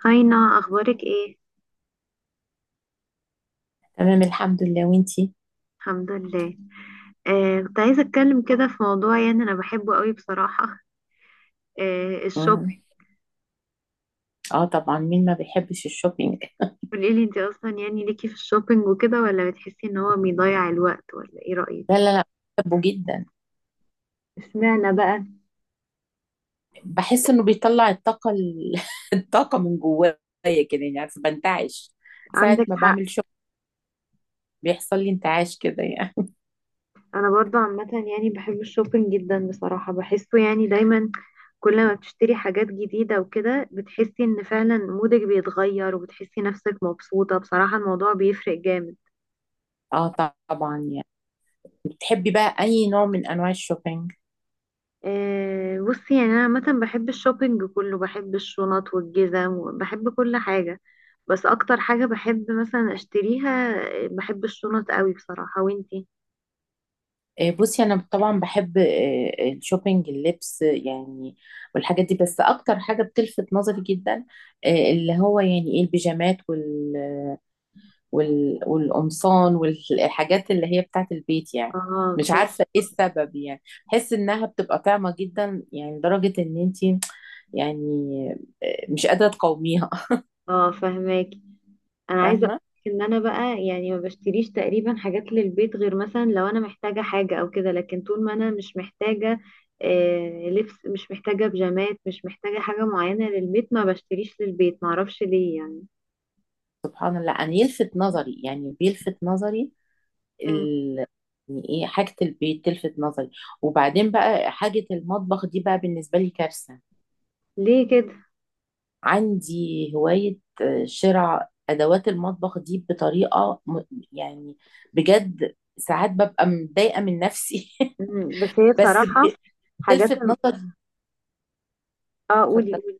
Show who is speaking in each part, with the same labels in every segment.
Speaker 1: هاينا اخبارك ايه؟
Speaker 2: تمام الحمد لله وانتي
Speaker 1: الحمد لله. كنت عايزه اتكلم كده في موضوع، يعني انا بحبه قوي بصراحه.
Speaker 2: مم.
Speaker 1: الشوبينج.
Speaker 2: اه طبعا مين ما بيحبش الشوبينج؟
Speaker 1: قولي لي انت اصلا يعني ليكي في الشوبينج وكده، ولا بتحسي ان هو بيضيع الوقت؟ ولا ايه
Speaker 2: لا
Speaker 1: رايك؟
Speaker 2: لا لا بحبه جدا.
Speaker 1: اشمعنى بقى؟
Speaker 2: بحس انه بيطلع الطاقة الطاقة من جوايا كده، يعني عارفة بنتعش ساعة
Speaker 1: عندك
Speaker 2: ما
Speaker 1: حق.
Speaker 2: بعمل شوبينج. بيحصل لي انتعاش كده يعني.
Speaker 1: انا برضو عامه يعني بحب الشوبينج جدا بصراحه، بحسه يعني دايما كل ما بتشتري حاجات جديده وكده بتحسي ان فعلا مودك بيتغير، وبتحسي نفسك مبسوطه. بصراحه الموضوع بيفرق جامد.
Speaker 2: اه طبعا يعني. بتحبي بقى اي نوع من انواع الشوبينج؟
Speaker 1: بصي، يعني انا عامه بحب الشوبينج كله، بحب الشنط والجزم وبحب كل حاجه، بس اكتر حاجه بحب مثلا اشتريها، بحب الشنط قوي بصراحه. وانتي؟
Speaker 2: بصي، انا طبعا بحب، الشوبينج اللبس يعني والحاجات دي. بس اكتر حاجة بتلفت نظري جدا، اللي هو يعني ايه، البيجامات والقمصان والحاجات اللي هي بتاعت البيت يعني.
Speaker 1: اه،
Speaker 2: مش
Speaker 1: بتحبي.
Speaker 2: عارفة ايه السبب يعني. بحس انها بتبقى طعمة جدا، يعني لدرجة ان انتي يعني مش قادرة تقاوميها.
Speaker 1: اه فهماكي. انا عايزه
Speaker 2: فاهمة.
Speaker 1: اقولك ان انا بقى يعني ما بشتريش تقريبا حاجات للبيت، غير مثلا لو انا محتاجه حاجه او كده، لكن طول ما انا مش محتاجه، لبس مش محتاجه، بيجامات مش محتاجه، حاجه معينه للبيت، ما بشتريش للبيت. ما اعرفش ليه يعني.
Speaker 2: سبحان الله، انا يلفت نظري يعني بيلفت نظري
Speaker 1: مم.
Speaker 2: ال... يعني ايه، حاجة البيت تلفت نظري. وبعدين بقى، حاجة المطبخ دي بقى بالنسبة لي كارثة.
Speaker 1: ليه كده؟
Speaker 2: عندي هواية شراء أدوات المطبخ دي بطريقة يعني، بجد ساعات ببقى متضايقة من نفسي.
Speaker 1: مم. بس هي
Speaker 2: بس
Speaker 1: بصراحة حاجات
Speaker 2: بتلفت
Speaker 1: الم-
Speaker 2: نظري.
Speaker 1: اه، قولي
Speaker 2: اتفضل.
Speaker 1: قولي.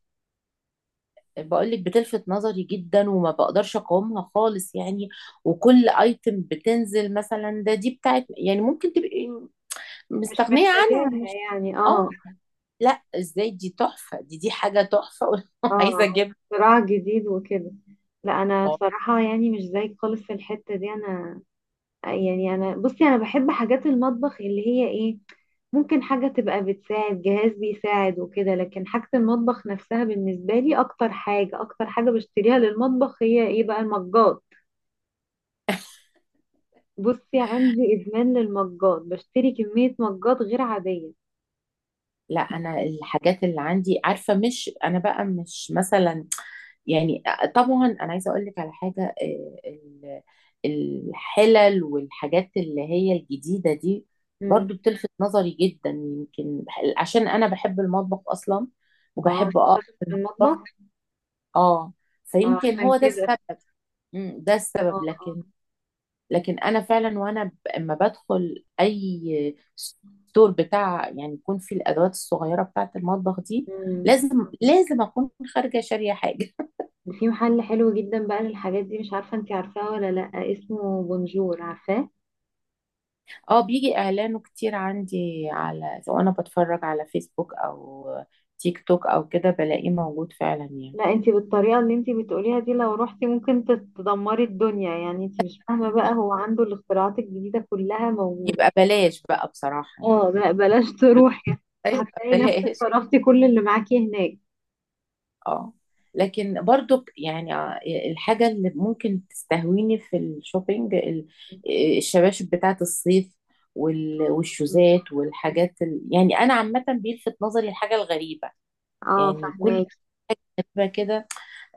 Speaker 2: بقولك بتلفت نظري جدا وما بقدرش أقاومها خالص يعني. وكل ايتم بتنزل مثلا، ده دي بتاعت يعني، ممكن تبقي
Speaker 1: مش
Speaker 2: مستغنية
Speaker 1: محتاجاها
Speaker 2: عنها، مش.
Speaker 1: يعني، اه
Speaker 2: اه. لا ازاي، دي تحفة، دي حاجة تحفة. عايزة
Speaker 1: اه،
Speaker 2: اجيبها.
Speaker 1: صراع جديد وكده. لا انا بصراحة يعني مش زيك خالص في الحتة دي. انا يعني، انا بصي، انا بحب حاجات المطبخ اللي هي ايه، ممكن حاجة تبقى بتساعد، جهاز بيساعد وكده، لكن حاجة المطبخ نفسها بالنسبة لي، اكتر حاجة، اكتر حاجة بشتريها للمطبخ هي ايه بقى؟ المجات. بصي، عندي ادمان للمجات، بشتري كمية مجات غير عادية.
Speaker 2: لا، انا الحاجات اللي عندي، عارفه مش انا بقى مش مثلا، يعني، طبعا انا عايزه اقول لك على حاجه، الحلل والحاجات اللي هي الجديده دي برضو
Speaker 1: مم.
Speaker 2: بتلفت نظري جدا. يمكن عشان انا بحب المطبخ اصلا
Speaker 1: اه،
Speaker 2: وبحب
Speaker 1: أصل
Speaker 2: اقف
Speaker 1: شاطر
Speaker 2: في
Speaker 1: في
Speaker 2: المطبخ.
Speaker 1: المطبخ.
Speaker 2: اه،
Speaker 1: اه
Speaker 2: فيمكن
Speaker 1: عشان
Speaker 2: هو ده
Speaker 1: كده.
Speaker 2: السبب. مم، ده
Speaker 1: اه
Speaker 2: السبب.
Speaker 1: اه.
Speaker 2: لكن لكن انا فعلا، اما بدخل اي ستور بتاع يعني يكون فيه الادوات الصغيره بتاعه المطبخ دي،
Speaker 1: مم.
Speaker 2: لازم اكون خارجه شاريه حاجه.
Speaker 1: وفي محل حلو جدا بقى للحاجات دي، مش عارفة انتي عارفاه ولا لأ، اسمه بونجور، عارفاه؟
Speaker 2: اه، بيجي اعلانه كتير عندي، على سواء انا بتفرج على فيسبوك او تيك توك او كده، بلاقيه موجود فعلا يعني.
Speaker 1: لا انتي بالطريقة اللي انتي بتقوليها دي لو روحتي ممكن تدمري الدنيا. يعني انتي مش فاهمة بقى، هو عنده الاختراعات الجديدة كلها موجودة.
Speaker 2: يبقى بلاش بقى بصراحه يعني.
Speaker 1: اه لا، بلاش تروحي.
Speaker 2: يبقى
Speaker 1: هتلاقي نفسك
Speaker 2: بلاش.
Speaker 1: صرفتي كل اللي معاكي هناك.
Speaker 2: اه. لكن برضو يعني، الحاجة اللي ممكن تستهويني في الشوبينج، الشباشب بتاعة الصيف
Speaker 1: مم.
Speaker 2: والشوزات والحاجات يعني أنا عامة بيلفت نظري الحاجة الغريبة.
Speaker 1: اه
Speaker 2: يعني كل
Speaker 1: فهماكي.
Speaker 2: ما كده،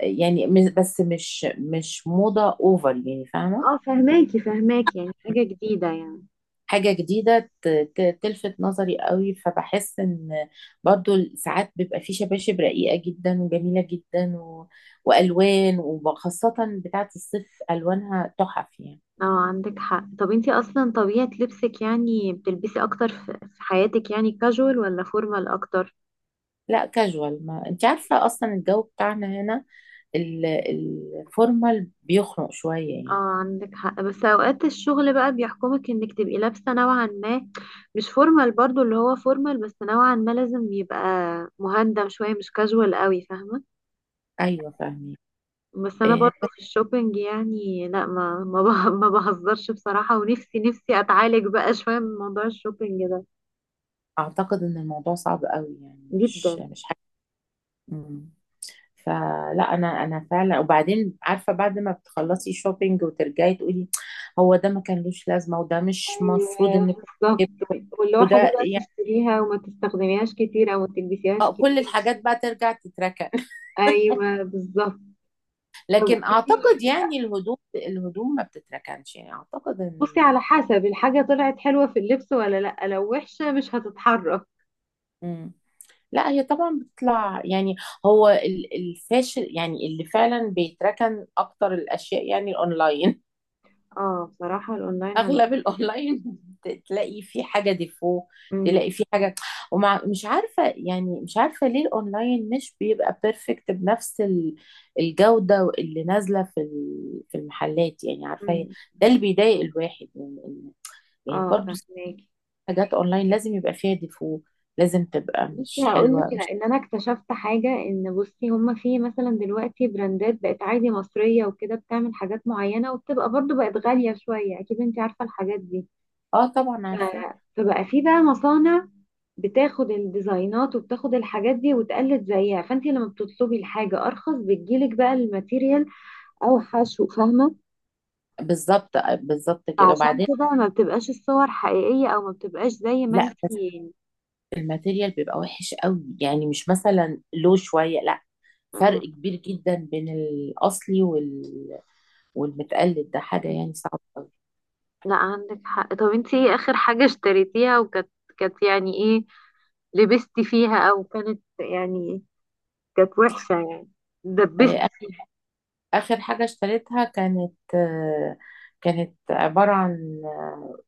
Speaker 2: يعني، بس مش موضة أوفر يعني، فاهمة.
Speaker 1: اه فهماكي فهماكي، يعني حاجة جديدة يعني.
Speaker 2: حاجة جديدة تلفت نظري قوي، فبحس ان، برضو ساعات بيبقى في شباشب رقيقة جدا وجميلة جدا، و... والوان، وخاصة بتاعة الصيف الوانها تحف يعني.
Speaker 1: اه عندك حق. طب انتي اصلا طبيعة لبسك، يعني بتلبسي اكتر في حياتك يعني كاجوال، ولا فورمال اكتر؟
Speaker 2: لا كاجوال، ما انت عارفة اصلا الجو بتاعنا هنا، ال- الفورمال بيخنق شوية
Speaker 1: اه
Speaker 2: يعني.
Speaker 1: عندك حق، بس اوقات الشغل بقى بيحكمك انك تبقي لابسة نوعا ما، مش فورمال برضو اللي هو فورمال، بس نوعا ما لازم يبقى مهندم شوية، مش كاجوال قوي، فاهمة.
Speaker 2: ايوه فاهمين.
Speaker 1: بس انا
Speaker 2: إيه،
Speaker 1: برضو في الشوبينج يعني لا، ما بهزرش بصراحة، ونفسي نفسي اتعالج بقى شوية من موضوع الشوبينج ده.
Speaker 2: اعتقد ان الموضوع صعب قوي يعني،
Speaker 1: جدا.
Speaker 2: مش حاجة. مم. فلا، انا فعلا، وبعدين عارفه، بعد ما بتخلصي شوبينج وترجعي تقولي، هو ده ما كانلوش لازمه، وده مش مفروض
Speaker 1: أيوة،
Speaker 2: ان كنت
Speaker 1: بالظبط.
Speaker 2: أجيبه،
Speaker 1: واللي هو حاجة
Speaker 2: وده
Speaker 1: بقى
Speaker 2: يعني
Speaker 1: تشتريها وما تستخدميهاش كتير، أو ما تلبسيهاش
Speaker 2: كل
Speaker 1: كتير.
Speaker 2: الحاجات بقى ترجع تتركن.
Speaker 1: أيوة بالظبط. طب قولي
Speaker 2: لكن
Speaker 1: لي،
Speaker 2: اعتقد
Speaker 1: إيه؟
Speaker 2: يعني، الهدوم ما بتتركنش، يعني اعتقد
Speaker 1: بصي،
Speaker 2: ان،
Speaker 1: على حسب الحاجة، طلعت حلوة في اللبس ولا لأ، لو وحشة مش هتتحرك.
Speaker 2: مم. لا، هي طبعا بتطلع يعني. هو الفاشل يعني، اللي فعلا بيتركن اكتر الاشياء، يعني الاونلاين،
Speaker 1: اه بصراحة الأونلاين عن...
Speaker 2: اغلب الاونلاين. تلاقي في حاجه ديفو،
Speaker 1: مم.
Speaker 2: تلاقي في حاجه، ومع مش عارفه يعني، مش عارفه ليه الاونلاين مش بيبقى بيرفكت بنفس الجوده اللي نازله في في المحلات يعني، عارفه
Speaker 1: مم.
Speaker 2: ده اللي بيضايق الواحد، يعني يعني
Speaker 1: اه
Speaker 2: برضو،
Speaker 1: فهماكي.
Speaker 2: حاجات اونلاين لازم يبقى فيها ديفو، لازم تبقى
Speaker 1: بصي
Speaker 2: مش
Speaker 1: هقول لك،
Speaker 2: حلوه، مش.
Speaker 1: لأن أنا اكتشفت حاجة، إن بصي هما في مثلا دلوقتي براندات بقت عادي مصرية وكده بتعمل حاجات معينة، وبتبقى برضو بقت غالية شوية، أكيد أنت عارفة الحاجات دي.
Speaker 2: اه طبعا عارفه.
Speaker 1: فبقى في بقى مصانع بتاخد الديزاينات وبتاخد الحاجات دي وتقلد زيها، فانت لما بتطلبي الحاجة ارخص بتجيلك بقى الماتيريال اوحش، وفاهمة.
Speaker 2: بالظبط بالظبط كده.
Speaker 1: فعشان
Speaker 2: وبعدين
Speaker 1: كده ما بتبقاش الصور حقيقية، او ما بتبقاش زي ما
Speaker 2: لا
Speaker 1: انت
Speaker 2: بس الماتيريال بيبقى وحش قوي، يعني مش مثلا لو شويه، لا، فرق
Speaker 1: م-
Speaker 2: كبير جدا بين الأصلي والمتقلد، ده حاجة
Speaker 1: م-
Speaker 2: يعني صعبة أوي.
Speaker 1: لا عندك حق. طب انت ايه اخر حاجة اشتريتيها، وكانت كانت يعني ايه، لبستي فيها، او كانت يعني كانت وحشة يعني، دبستي
Speaker 2: آه،
Speaker 1: فيها؟
Speaker 2: آخر حاجة اشتريتها كانت، كانت عبارة عن،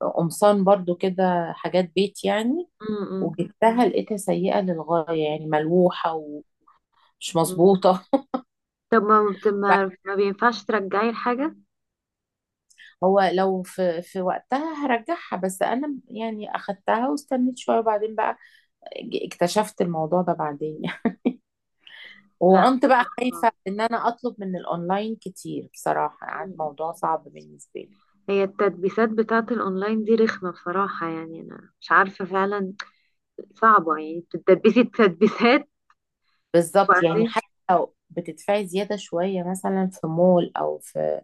Speaker 2: قمصان برضو كده، حاجات بيت يعني.
Speaker 1: م- م-
Speaker 2: وجبتها لقيتها سيئة للغاية، يعني ملوحة ومش
Speaker 1: م.
Speaker 2: مظبوطة.
Speaker 1: طب ما ما بينفعش ترجعي الحاجة؟
Speaker 2: هو لو في في وقتها هرجعها، بس أنا يعني أخدتها واستنيت شوية، وبعدين بقى اكتشفت الموضوع ده بعدين.
Speaker 1: لا
Speaker 2: وكنت بقى
Speaker 1: بصراحة.
Speaker 2: خايفة ان انا اطلب من الاونلاين كتير بصراحة، قعد
Speaker 1: مم.
Speaker 2: موضوع صعب بالنسبة لي.
Speaker 1: هي التدبيسات بتاعة الأونلاين دي رخمة بصراحة، يعني أنا مش عارفة فعلا. صعبة يعني، بتدبسي التدبيسات
Speaker 2: بالظبط، يعني
Speaker 1: وبعدين.
Speaker 2: حتى لو بتدفعي زيادة شوية مثلا في مول او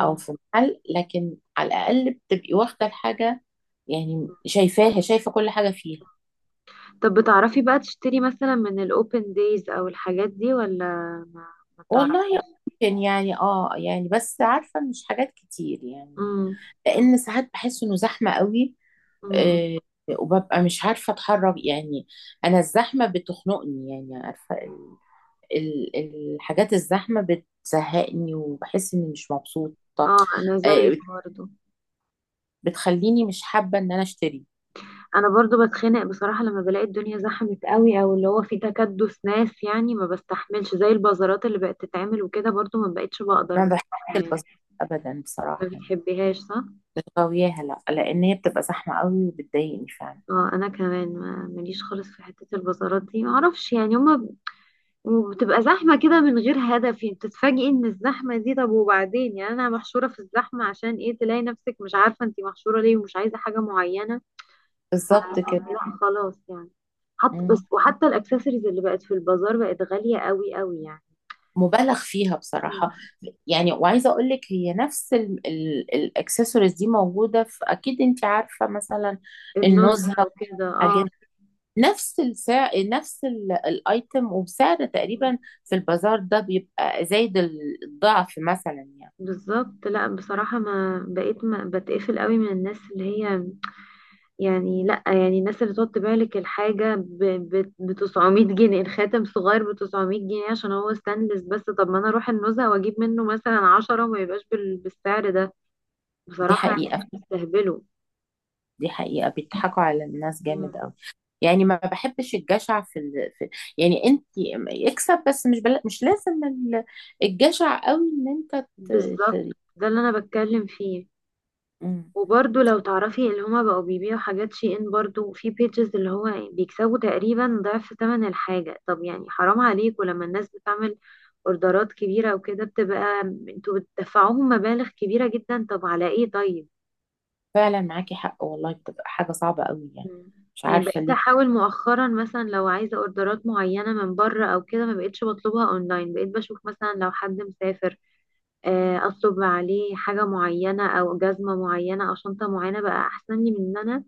Speaker 2: او في محل، لكن على الاقل بتبقي واخدة الحاجة، يعني شايفاها، شايفة كل حاجة فيها.
Speaker 1: طب بتعرفي بقى تشتري مثلا من الأوبن دايز أو الحاجات دي، ولا ما, ما بتعرفي؟
Speaker 2: والله، ممكن يعني اه يعني، بس عارفة مش حاجات كتير يعني،
Speaker 1: مم.
Speaker 2: لان ساعات بحس انه زحمة قوي.
Speaker 1: مم.
Speaker 2: آه، وببقى مش عارفة اتحرك يعني، انا الزحمة بتخنقني يعني، عارفة، الحاجات الزحمة بتزهقني، وبحس اني مش مبسوطة.
Speaker 1: اه أنا زيك
Speaker 2: آه،
Speaker 1: برضه.
Speaker 2: بتخليني مش حابة ان انا اشتري.
Speaker 1: أنا برضه بتخنق بصراحة لما بلاقي الدنيا زحمت قوي، أو اللي هو في تكدس ناس، يعني ما بستحملش. زي البازارات اللي بقت تتعمل وكده، برضه ما بقتش بقدر
Speaker 2: ما بحبش
Speaker 1: بصراحة يعني.
Speaker 2: البساطة ابدا
Speaker 1: ما
Speaker 2: بصراحة يعني،
Speaker 1: بتحبيهاش صح؟
Speaker 2: مش غاوياها، لا، لان هي بتبقى زحمة قوي وبتضايقني فعلا.
Speaker 1: اه انا كمان ماليش خالص في حتة البازارات دي. معرفش يعني، وبتبقى زحمة كده من غير هدف، يعني بتتفاجئي ان الزحمة دي، طب وبعدين يعني انا محشورة في الزحمة عشان ايه؟ تلاقي نفسك مش عارفة انتي محشورة ليه، ومش عايزة حاجة معينة. ف-
Speaker 2: بالظبط كده.
Speaker 1: لا خلاص يعني. حط
Speaker 2: مم.
Speaker 1: بس، وحتى الاكسسوارز اللي بقت في البازار بقت غالية قوي قوي يعني.
Speaker 2: مبالغ فيها بصراحة
Speaker 1: مم.
Speaker 2: يعني. وعايزة اقول لك، هي نفس الاكسسوارز دي موجودة في، اكيد انت عارفة مثلا
Speaker 1: النزهة
Speaker 2: النزهة
Speaker 1: وكده،
Speaker 2: والحاجات،
Speaker 1: اه.
Speaker 2: نفس السعر، نفس الايتم وسعر تقريبا، في البازار ده بيبقى زايد الضعف مثلا يعني.
Speaker 1: بالظبط. لا بصراحة ما بقيت، ما بتقفل قوي من الناس اللي هي يعني، لا يعني، الناس اللي تحط بالك الحاجة بتسعمية جنيه، الخاتم صغير بتسعمية جنيه عشان هو ستانلس، بس طب ما انا اروح النزهة واجيب منه مثلا عشرة، وما يبقاش بالسعر ده
Speaker 2: دي
Speaker 1: بصراحة
Speaker 2: حقيقة،
Speaker 1: يعني. بيستهبلوا.
Speaker 2: دي حقيقة، بيضحكوا على الناس
Speaker 1: مم.
Speaker 2: جامد قوي، يعني ما بحبش الجشع في، في يعني، انت اكسب بس، مش لازم الجشع قوي ان انت
Speaker 1: بالظبط.
Speaker 2: ت...
Speaker 1: ده اللي انا بتكلم فيه.
Speaker 2: مم.
Speaker 1: وبرضه لو تعرفي اللي هما بقوا بيبيعوا حاجات شي ان، برضه في بيجز اللي هو يعني بيكسبوا تقريبا ضعف ثمن الحاجة. طب يعني حرام عليك. ولما الناس بتعمل اوردرات كبيرة وكده بتبقى، انتوا بتدفعوهم مبالغ كبيرة جدا، طب على ايه طيب؟
Speaker 2: فعلا معاكي حق والله، بتبقى حاجة صعبة قوي يعني،
Speaker 1: مم.
Speaker 2: مش
Speaker 1: يعني
Speaker 2: عارفة
Speaker 1: بقيت
Speaker 2: ليه.
Speaker 1: احاول مؤخرا مثلا لو عايزة اوردرات معينة من بره او كده، ما بقيتش بطلبها اونلاين، بقيت بشوف مثلا لو حد مسافر، اطلب عليه حاجة معينة، او جزمة معينة، او شنطة معينة، بقى احسن لي من ان انا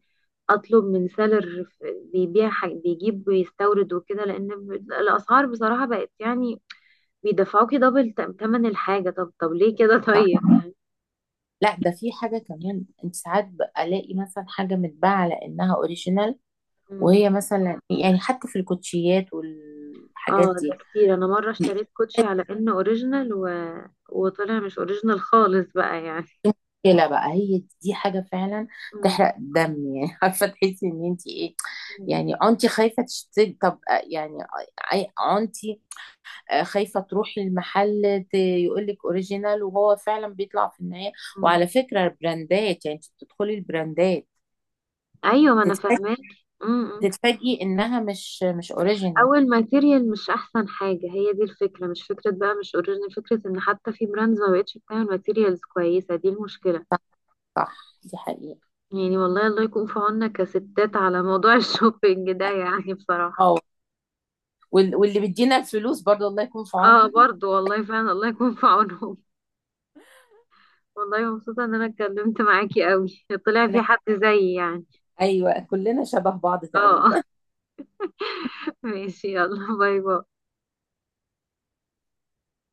Speaker 1: اطلب من سيلر بيجيب ويستورد وكده، لان الاسعار بصراحه بقت يعني بيدفعوكي دبل تمن الحاجه. طب طب ليه كده؟
Speaker 2: صح.
Speaker 1: طيب يعني.
Speaker 2: لا، ده في حاجة كمان، انت ساعات بقى الاقي مثلا حاجة متباعة على انها اوريجينال،
Speaker 1: مم.
Speaker 2: وهي مثلا يعني، حتى في الكوتشيات والحاجات
Speaker 1: اه
Speaker 2: دي،
Speaker 1: ده كتير. انا مره
Speaker 2: دي
Speaker 1: اشتريت كوتشي على انه اوريجينال، و... وطلع مش اوريجينال خالص بقى يعني.
Speaker 2: مشكلة بقى، هي دي حاجة فعلا
Speaker 1: مم.
Speaker 2: تحرق الدم يعني. عارفة، تحسي ان انت ايه،
Speaker 1: مم.
Speaker 2: يعني انت خايفة تشتري. طب يعني، انت خايفة تروحي المحل يقول لك اوريجينال، وهو فعلا بيطلع في النهاية.
Speaker 1: مم.
Speaker 2: وعلى فكرة، البراندات، يعني انت بتدخلي البراندات
Speaker 1: ايوه ما انا
Speaker 2: تتفاجئي،
Speaker 1: فاهماك. مم. مم.
Speaker 2: انها مش اوريجينال.
Speaker 1: اول ماتيريال مش احسن حاجه، هي دي الفكره. مش فكره بقى مش اوريجينال، فكره ان حتى في براندز ما بقتش بتعمل ماتيريالز كويسه، دي المشكله.
Speaker 2: صح، دي حقيقة.
Speaker 1: يعني والله الله يكون في عوننا كستات على موضوع الشوبينج ده يعني بصراحة.
Speaker 2: اه، واللي بيدينا الفلوس برضه الله يكون في
Speaker 1: اه
Speaker 2: عونهم.
Speaker 1: برضو، والله فعلا الله يكون في عونهم. والله مبسوطة ان انا اتكلمت معاكي قوي، طلع في حد زيي يعني.
Speaker 2: ايوه، كلنا شبه بعض تقريبا.
Speaker 1: اه ماشي، يلا باي باي.